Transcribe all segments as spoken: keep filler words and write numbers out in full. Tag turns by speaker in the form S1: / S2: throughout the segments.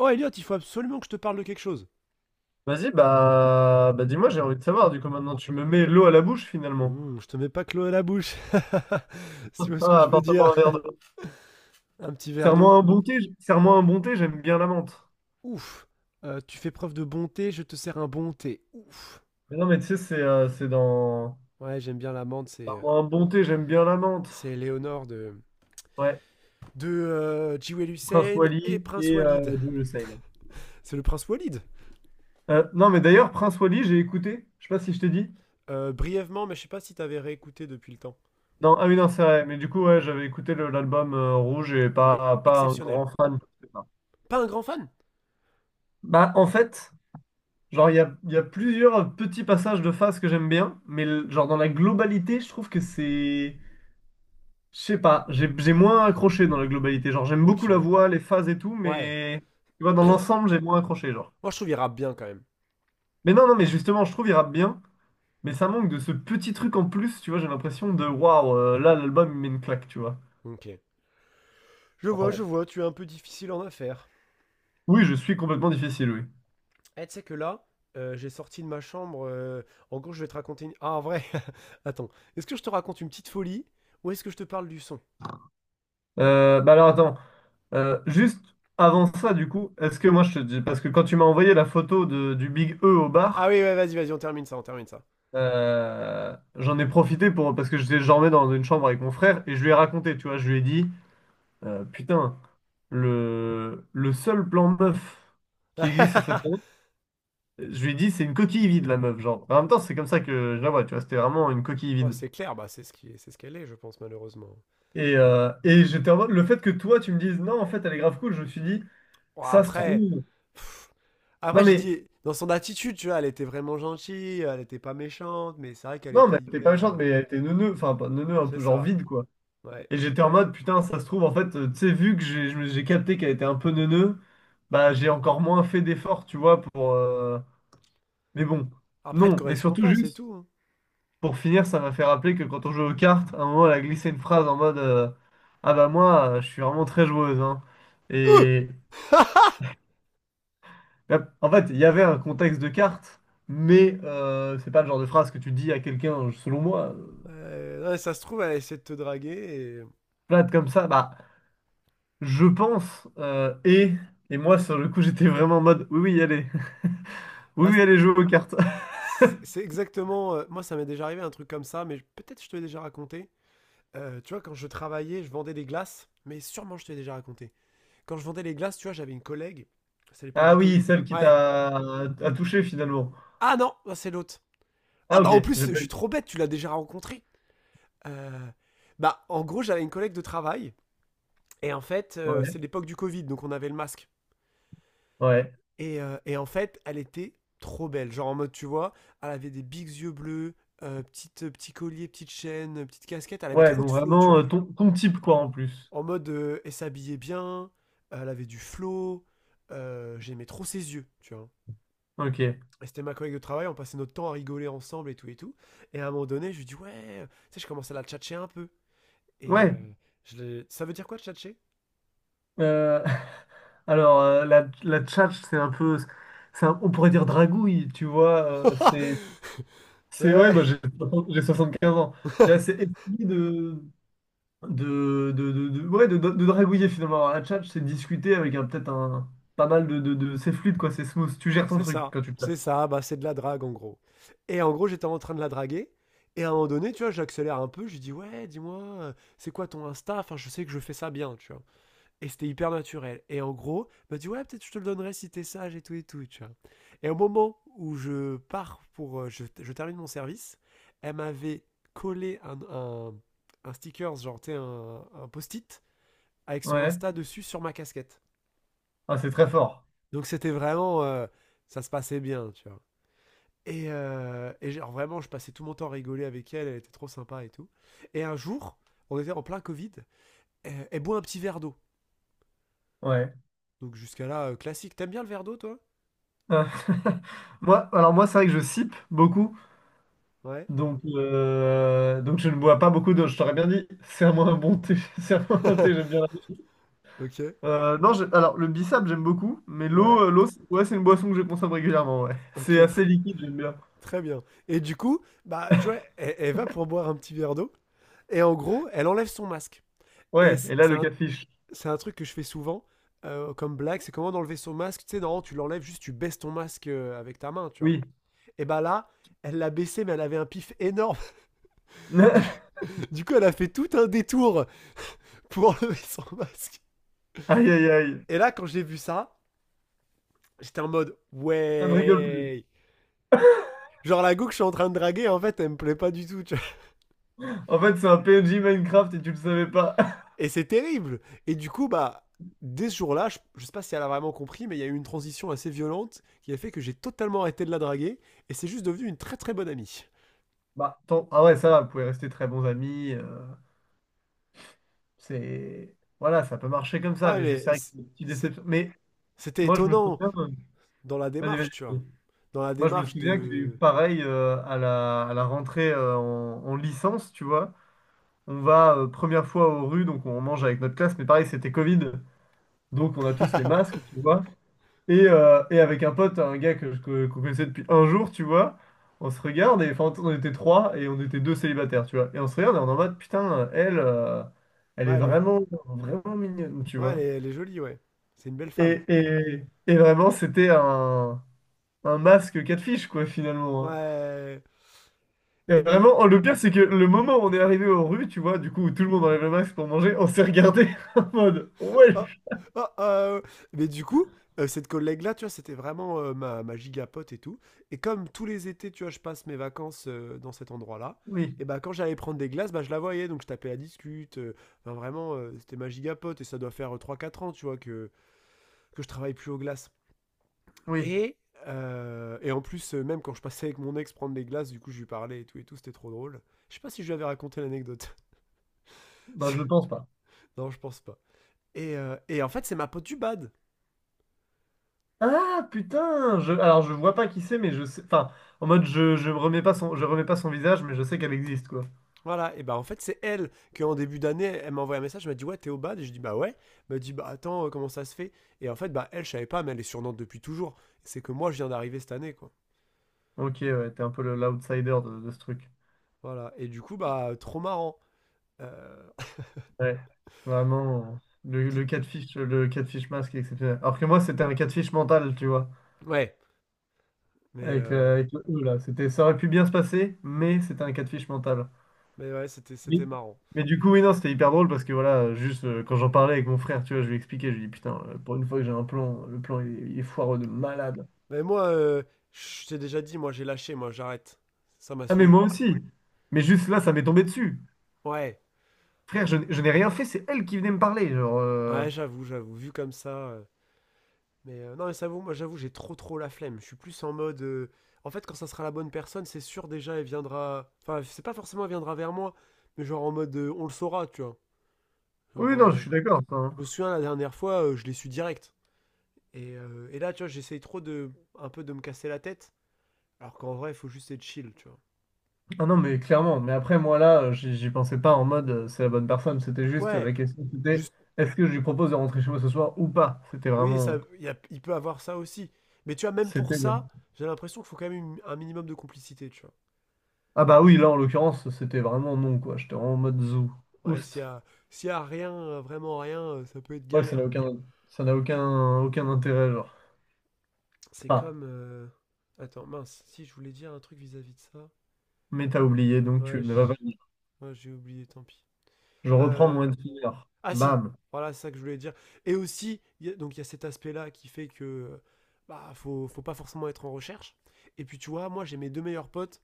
S1: Oh Elliot, il faut absolument que je te parle de quelque chose.
S2: Vas-y, bah, bah dis-moi, j'ai envie de savoir. Du coup, maintenant, tu me mets l'eau à la bouche, finalement.
S1: Hmm, je te mets pas Chloé à la bouche. Si tu vois ce que
S2: Ah,
S1: je veux dire.
S2: apporte-moi un verre d'eau.
S1: Un petit verre d'eau.
S2: Serre-moi un bon thé, j- serre-moi un bon thé, j'aime bien la menthe.
S1: Ouf. Euh, tu fais preuve de bonté, je te sers un bon thé. Ouf.
S2: Mais non, mais tu sais, c'est euh, c'est dans...
S1: Ouais, j'aime bien l'amande, c'est euh,
S2: Serre-moi un bon thé, j'aime bien la menthe.
S1: c'est Léonore de
S2: Ouais,
S1: de euh, Jewel
S2: Prince
S1: Hussein et
S2: Wally
S1: Prince
S2: et
S1: Walid.
S2: euh, Jules Hussein.
S1: C'est le Prince Walid.
S2: Euh, non, mais d'ailleurs, Prince Wally, j'ai écouté. Je sais pas si je t'ai dit.
S1: Euh, brièvement, mais je sais pas si t'avais réécouté depuis le temps.
S2: Non, ah oui, non, c'est vrai. Mais du coup, ouais, j'avais écouté le- l'album euh, Rouge et
S1: Il est
S2: pas, pas un
S1: exceptionnel.
S2: grand fan. Je sais pas.
S1: Pas un grand fan.
S2: Bah, en fait... Genre, il y a, il y a plusieurs petits passages de phase que j'aime bien, mais le- genre dans la globalité, je trouve que c'est... Je sais pas, j'ai j'ai moins accroché dans la globalité. Genre, j'aime beaucoup
S1: Ok.
S2: la voix, les phases et tout,
S1: Ouais.
S2: mais... Tu vois, dans l'ensemble, j'ai moins accroché, genre.
S1: Moi, je trouve il rappe bien quand même.
S2: Mais non, non, mais justement, je trouve il rappe bien, mais ça manque de ce petit truc en plus, tu vois, j'ai l'impression de... Waouh, euh, là, l'album, il met une claque, tu vois.
S1: Ok. Je
S2: Enfin,
S1: vois, je
S2: bon.
S1: vois, tu es un peu difficile en affaires.
S2: Oui, je suis complètement difficile, oui.
S1: Eh, tu sais que là, euh, j'ai sorti de ma chambre. Euh, en gros, je vais te raconter une. Ah, en vrai, attends. Est-ce que je te raconte une petite folie ou est-ce que je te parle du son?
S2: Euh, bah alors, attends. Euh, juste avant ça, du coup, est-ce que moi, je te dis... Parce que quand tu m'as envoyé la photo de, du Big E au
S1: Ah oui,
S2: bar...
S1: ouais, vas-y, vas-y, on termine ça, on termine ça.
S2: Euh, j'en ai profité pour parce que j'étais jamais dans une chambre avec mon frère et je lui ai raconté, tu vois, je lui ai dit, euh, putain, le, le seul plan meuf qui existe sur cette planète, je lui ai dit, c'est une coquille vide, la meuf, genre. En même temps, c'est comme ça que je la vois, tu vois, c'était vraiment une coquille
S1: Oh,
S2: vide.
S1: c'est clair, bah, c'est ce qui, c'est ce qu'elle est, je pense, malheureusement.
S2: Et, euh, et j'étais en mode, le fait que toi, tu me dises, non, en fait, elle est grave cool, je me suis dit,
S1: Oh,
S2: ça se
S1: après,
S2: trouve.
S1: pff,
S2: Non,
S1: après, j'ai
S2: mais,
S1: dit, dans son attitude, tu vois, elle était vraiment gentille, elle était pas méchante, mais c'est vrai qu'elle est
S2: non,
S1: pas
S2: mais t'es pas
S1: hyper. euh,
S2: méchante, mais t'es neuneu, enfin, pas neuneu, un
S1: C'est
S2: peu genre
S1: ça,
S2: vide, quoi.
S1: ouais.
S2: Et j'étais en mode, putain, ça se trouve, en fait, euh, tu sais, vu que j'ai je me- j'ai capté qu'elle était un peu neuneu, bah j'ai encore moins fait d'efforts, tu vois, pour... euh, Mais bon,
S1: Après, elle te
S2: non. Et
S1: correspond
S2: surtout,
S1: pas, c'est
S2: juste,
S1: tout, hein.
S2: pour finir, ça m'a fait rappeler que quand on jouait aux cartes, à un moment, elle a glissé une phrase en mode, euh, ah bah moi, euh, je suis vraiment très joueuse, hein. Et bah, en fait, il y avait un contexte de cartes, mais euh, c'est pas le genre de phrase que tu dis à quelqu'un, selon moi, euh,
S1: Euh, ouais, ça se trouve, elle a essayé de te draguer et.
S2: plate comme ça, bah, je pense, euh, et... Et moi, sur le coup, j'étais vraiment en mode, oui, oui, allez. Oui,
S1: Bah, c-
S2: oui, elle joue aux cartes.
S1: C'est c'est exactement. Euh, moi, ça m'est déjà arrivé un truc comme ça, mais je- peut-être je te l'ai déjà raconté. Euh, tu vois, quand je travaillais, je vendais des glaces, mais sûrement je te l'ai déjà raconté. Quand je vendais les glaces, tu vois, j'avais une collègue. C'est à l'époque du
S2: Ah
S1: Covid.
S2: oui, celle qui
S1: Ouais.
S2: t'a a touché finalement.
S1: Ah non, bah, c'est l'autre. Ah
S2: Ah ok,
S1: bah en plus,
S2: j'ai
S1: je
S2: pas
S1: suis
S2: eu.
S1: trop bête, tu l'as déjà rencontré. Euh, Bah en gros, j'avais une collègue de travail, et en fait, euh,
S2: Ouais,
S1: c'est l'époque du Covid, donc on avait le masque.
S2: ouais.
S1: Et, euh, et en fait, elle était trop belle. Genre en mode, tu vois, elle avait des bigs yeux bleus, euh, petite, petit collier, petite chaîne, petite casquette. Elle avait
S2: Ouais,
S1: trop de
S2: bon,
S1: flow, tu
S2: vraiment euh,
S1: vois.
S2: ton, ton type quoi en plus.
S1: En mode, euh, elle s'habillait bien, elle avait du flow. euh, J'aimais trop ses yeux, tu vois.
S2: Ok.
S1: Et c'était ma collègue de travail, on passait notre temps à rigoler ensemble et tout et tout. Et à un moment donné, je lui dis, ouais, euh, tu sais, je commençais à la tchatcher un peu. Et
S2: Ouais.
S1: euh, je l'ai- Ça veut dire quoi, tchatcher?
S2: Euh, alors euh, la, la tchatche, c'est un peu. C'est un- on pourrait dire dragouille, tu vois. Euh, c'est. C'est ouais,
S1: Ouais
S2: bah, j'ai j'ai soixante-quinze ans. J'ai assez essayé de. De, de, de, de- ouais, de, de- de dragouiller finalement. Alors, la tchatche, c'est discuter avec un- peut-être un. Pas mal de, de, de- c'est fluide quoi, c'est smooth. Tu gères ton
S1: C'est
S2: truc
S1: ça,
S2: quand tu te la
S1: c'est ça, bah c'est de la drague en gros. Et en gros, j'étais en train de la draguer. Et à un moment donné, tu vois, j'accélère un peu, je lui dis ouais, dis-moi, euh, c'est quoi ton Insta? Enfin, je sais que je fais ça bien, tu vois. Et c'était hyper naturel. Et en gros, elle m'a dit ouais, peut-être je te le donnerai si t'es sage et tout et tout, tu vois. Et au moment où je pars pour, euh, je, je termine mon service, elle m'avait collé un, un, un sticker, genre, tu sais, un, un post-it avec son Insta dessus sur ma casquette.
S2: Ah, c'est très fort.
S1: Donc c'était vraiment, euh, ça se passait bien, tu vois. Et, euh, et genre vraiment, je passais tout mon temps à rigoler avec elle, elle était trop sympa et tout. Et un jour, on était en plein Covid, et elle boit un petit verre d'eau.
S2: Ouais.
S1: Donc jusqu'à là, euh, classique. T'aimes bien le verre d'eau, toi?
S2: Euh, moi, alors moi, c'est vrai que je sipe beaucoup,
S1: Ouais.
S2: donc euh, donc je ne bois pas beaucoup d'eau. Je t'aurais bien dit, serre-moi un bon thé, serre-moi un thé, j'aime bien la
S1: Ok.
S2: Euh, non, j'ai- alors le bissap, j'aime beaucoup, mais l'eau,
S1: Ouais.
S2: euh, l'eau, c'est- ouais, c'est une boisson que je consomme régulièrement. Ouais, c'est
S1: Ok,
S2: assez
S1: très,
S2: liquide, j'aime bien.
S1: très bien. Et du coup, bah, tu vois, elle, elle va pour boire un petit verre d'eau. Et en gros, elle enlève son masque. Et
S2: Ouais, et
S1: c'est
S2: là
S1: c'est
S2: le
S1: un,
S2: catfish.
S1: c'est un truc que je fais souvent euh, comme blague, c'est comment d'enlever son masque. Tu sais, non, tu l'enlèves juste, tu baisses ton masque euh, avec ta main, tu vois.
S2: Oui.
S1: Et bah là, elle l'a baissé, mais elle avait un pif énorme. Du, du coup, elle a fait tout un détour pour enlever son masque.
S2: Aïe aïe aïe,
S1: Et là, quand j'ai vu ça, j'étais en mode
S2: ça ne rigole plus.
S1: ouais. Genre la go que je suis en train de draguer, en fait, elle me plaît pas du tout, tu vois.
S2: En fait, c'est un P N J Minecraft et tu le savais pas.
S1: Et c'est terrible. Et du coup, bah, dès ce jour-là, je, je sais pas si elle a vraiment compris, mais il y a eu une transition assez violente qui a fait que j'ai totalement arrêté de la draguer. Et c'est juste devenu une très très bonne amie.
S2: Bah, tant- ah ouais, ça va, vous pouvez rester très bons amis. Euh, C'est voilà, ça peut marcher comme ça,
S1: Ouais,
S2: mais je
S1: mais
S2: sais que c'est une petite
S1: c'est-
S2: déception. Mais
S1: c'était
S2: moi, je me
S1: étonnant
S2: souviens, euh,
S1: dans la
S2: vas-y, vas-y,
S1: démarche, tu
S2: vas-y.
S1: vois. Dans la
S2: Moi, je me
S1: démarche
S2: souviens que j'ai eu
S1: de.
S2: pareil euh, à la, à la rentrée euh, en, en licence, tu vois. On va euh, première fois aux rues, donc on mange avec notre classe, mais pareil, c'était Covid, donc on a tous les masques, tu vois. Et, euh, et avec un pote, un gars que, je- que- qu'on connaissait depuis un jour, tu vois, on se regarde, et enfin, on était trois et on était deux célibataires, tu vois. Et on se regarde et on est en mode, putain, elle, euh, elle est
S1: Ouais, elle est,
S2: vraiment, vraiment mignonne, tu
S1: ouais, elle
S2: vois.
S1: est, elle est jolie, ouais. C'est une belle femme.
S2: Et, et, et vraiment, c'était un, un masque catfish, quoi, finalement. Hein.
S1: Ouais.
S2: Et
S1: Et ben,
S2: vraiment, oh, le pire, c'est que le moment où on est arrivé aux rues, tu vois, du coup, où tout le monde enlève le masque pour manger, on s'est regardé en mode,
S1: oh,
S2: ouais,
S1: oh, ah, mais du coup, euh, cette collègue-là, tu vois, c'était vraiment euh, ma, ma gigapote et tout. Et comme tous les étés, tu vois, je passe mes vacances euh, dans cet endroit-là,
S2: oui,
S1: et ben quand j'allais prendre des glaces, bah, je la voyais, donc je tapais la discute. euh, Enfin, vraiment, euh, c'était ma gigapote et ça doit faire euh, trois quatre ans, tu vois, que, que je travaille plus aux glaces.
S2: oui,
S1: Et, euh, et en plus, euh, même quand je passais avec mon ex prendre des glaces, du coup, je lui parlais et tout, et tout, c'était trop drôle. Je sais pas si je lui avais raconté l'anecdote.
S2: ben, je pense pas.
S1: Non, je pense pas. Et, euh, et en fait, c'est ma pote du bad.
S2: Ah, putain, je, alors je vois pas qui c'est, mais je sais, enfin, en mode, je, je remets pas son, je remets pas son visage, mais je sais qu'elle existe, quoi.
S1: Voilà, et bah en fait c'est elle que en début d'année, elle m'a envoyé un message, elle m'a dit ouais t'es au bad, et je dis bah ouais, elle m'a dit bah attends euh, comment ça se fait, et en fait bah elle je savais pas, mais elle est sur Nantes depuis toujours, c'est que moi je viens d'arriver cette année quoi,
S2: Ok, ouais, t'es un peu le- l'outsider de, de ce truc.
S1: voilà, et du coup bah trop marrant. Euh,
S2: Ouais, vraiment, le, le
S1: petite-
S2: catfish, le catfish masque est exceptionnel. Alors que moi, c'était un catfish mental, tu vois.
S1: ouais, mais
S2: Avec,
S1: euh,
S2: euh, avec le E, là. C'était, ça aurait pu bien se passer, mais c'était un cas de fiche mental.
S1: mais ouais c'était
S2: Mais,
S1: c'était marrant,
S2: mais du coup, oui, non, c'était hyper drôle parce que voilà, euh, juste euh, quand j'en parlais avec mon frère, tu vois, je lui expliquais, je lui dis putain, euh, pour une fois que j'ai un plan, le plan il, est il est foireux de malade.
S1: mais moi euh, je t'ai déjà dit moi j'ai lâché moi j'arrête, ça m'a
S2: Ah, mais
S1: saoulé,
S2: moi aussi. Mais juste là, ça m'est tombé dessus.
S1: ouais
S2: Frère, je, n- je n'ai rien fait, c'est elle qui venait me parler. Genre, euh,
S1: ouais j'avoue j'avoue vu comme ça. euh, Mais euh, non, mais ça vaut, moi j'avoue, j'ai trop trop la flemme. Je suis plus en mode. Euh, en fait, quand ça sera la bonne personne, c'est sûr déjà, elle viendra. Enfin, c'est pas forcément elle viendra vers moi, mais genre en mode euh, on le saura, tu vois. Genre,
S2: oui, non, je
S1: euh,
S2: suis d'accord. Enfin.
S1: je me souviens la dernière fois, euh, je l'ai su direct. Et, euh, et là, tu vois, j'essaye trop de. Un peu de me casser la tête, alors qu'en vrai, il faut juste être chill, tu vois.
S2: Ah non, mais clairement. Mais après, moi là, euh, j'y j'y pensais pas en mode euh, c'est la bonne personne. C'était juste euh,
S1: Ouais,
S2: la question, c'était
S1: juste.
S2: est-ce que je lui propose de rentrer chez moi ce soir ou pas? C'était
S1: Oui, ça,
S2: vraiment.
S1: il y a- il peut avoir ça aussi. Mais tu vois, même pour
S2: C'était.
S1: ça, j'ai l'impression qu'il faut quand même une- un minimum de complicité, tu vois.
S2: Ah bah oui, là en l'occurrence, c'était vraiment non quoi. J'étais vraiment en mode zoo
S1: Ouais, s'il y
S2: Oust.
S1: a, s'il y a rien, euh, vraiment rien, euh, ça peut être
S2: Ouais, ça
S1: galère.
S2: n'a aucun, ça n'a aucun, aucun intérêt, genre.
S1: C'est
S2: Ah,
S1: comme. euh, Attends, mince, si je voulais dire un truc vis-à-vis de ça.
S2: mais t'as oublié, donc tu
S1: Ouais,
S2: ne vas
S1: j'-
S2: pas le dire.
S1: ouais, j'ai oublié, tant pis.
S2: Je reprends
S1: Euh,
S2: mon one finger.
S1: Ah si,
S2: Bam.
S1: voilà, c'est ça que je voulais dire. Et aussi, il y a- donc il y a cet aspect-là qui fait que. euh, Bah, faut, faut pas forcément être en recherche. Et puis tu vois, moi j'ai mes deux meilleurs potes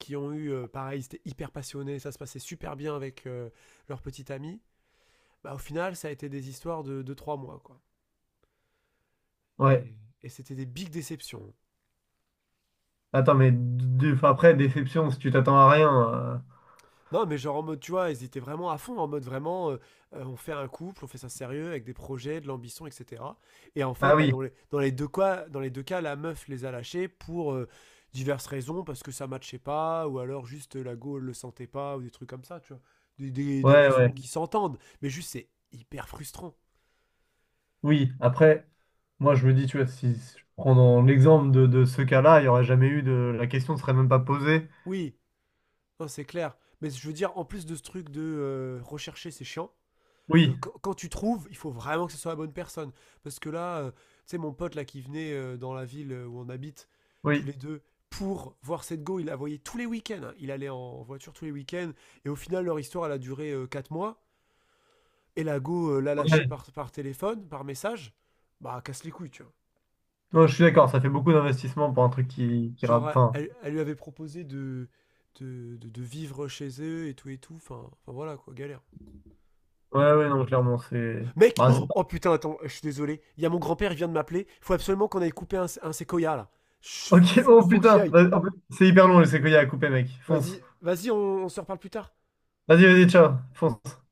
S1: qui ont eu, euh, pareil, ils étaient hyper passionnés, ça se passait super bien avec euh, leur petite amie. Bah au final, ça a été des histoires de deux trois mois, quoi.
S2: Ouais.
S1: Et, et c'était des big déceptions.
S2: Attends, mais d- d- après, déception, si tu t'attends à rien. Euh,
S1: Non, mais genre en mode, tu vois, ils étaient vraiment à fond, en mode vraiment, euh, euh, on fait un couple, on fait ça sérieux, avec des projets, de l'ambition, et cetera. Et en fait,
S2: Ah
S1: bah,
S2: oui,
S1: dans les, dans les deux cas, dans les deux cas, la meuf les a lâchés pour euh, diverses raisons, parce que ça matchait pas, ou alors juste euh, la go elle le sentait pas, ou des trucs comme ça, tu vois. Des, des- des
S2: ouais, ouais.
S1: raisons qui s'entendent, mais juste c'est hyper frustrant.
S2: Oui, après, moi je me dis, tu vois, si si je prends dans l'exemple de, de ce cas-là, il n'y aurait jamais eu de. La question ne serait même pas posée.
S1: Oui, non, c'est clair. Mais je veux dire, en plus de ce truc de euh, rechercher, c'est chiant. euh,
S2: Oui,
S1: quand, quand tu trouves, il faut vraiment que ce soit la bonne personne. Parce que là, euh, tu sais, mon pote là qui venait euh, dans la ville euh, où on habite, tous
S2: oui.
S1: les deux, pour voir cette go, il la voyait tous les week-ends, hein. Il allait en voiture tous les week-ends. Et au final, leur histoire, elle a duré euh, quatre mois. Et la go euh, l'a lâchée
S2: Ouais.
S1: par, par téléphone, par message. Bah, casse les couilles, tu vois.
S2: Non, je suis d'accord, ça fait beaucoup d'investissement pour un truc qui, qui rappe.
S1: Genre,
S2: Enfin,
S1: elle, elle lui avait proposé de, de, de- de vivre chez eux et tout et tout. Enfin, enfin voilà, quoi, galère.
S2: Ouais, ouais, non, clairement, c'est.
S1: Mec,
S2: Bah, c'est
S1: oh,
S2: pas.
S1: oh, putain, attends, je suis désolé. Il y a mon grand-père, il vient de m'appeler. Faut absolument qu'on aille couper un, sé- un séquoia là. Chut,
S2: Ok,
S1: Faut,
S2: oh
S1: que- faut que j'y
S2: putain,
S1: aille.
S2: vas- en plus, c'est hyper long, je sais qu'il y a à couper, mec. Fonce.
S1: Vas-y, Vas-y, on, on se reparle plus tard.
S2: Vas-y, vas-y, ciao, fonce.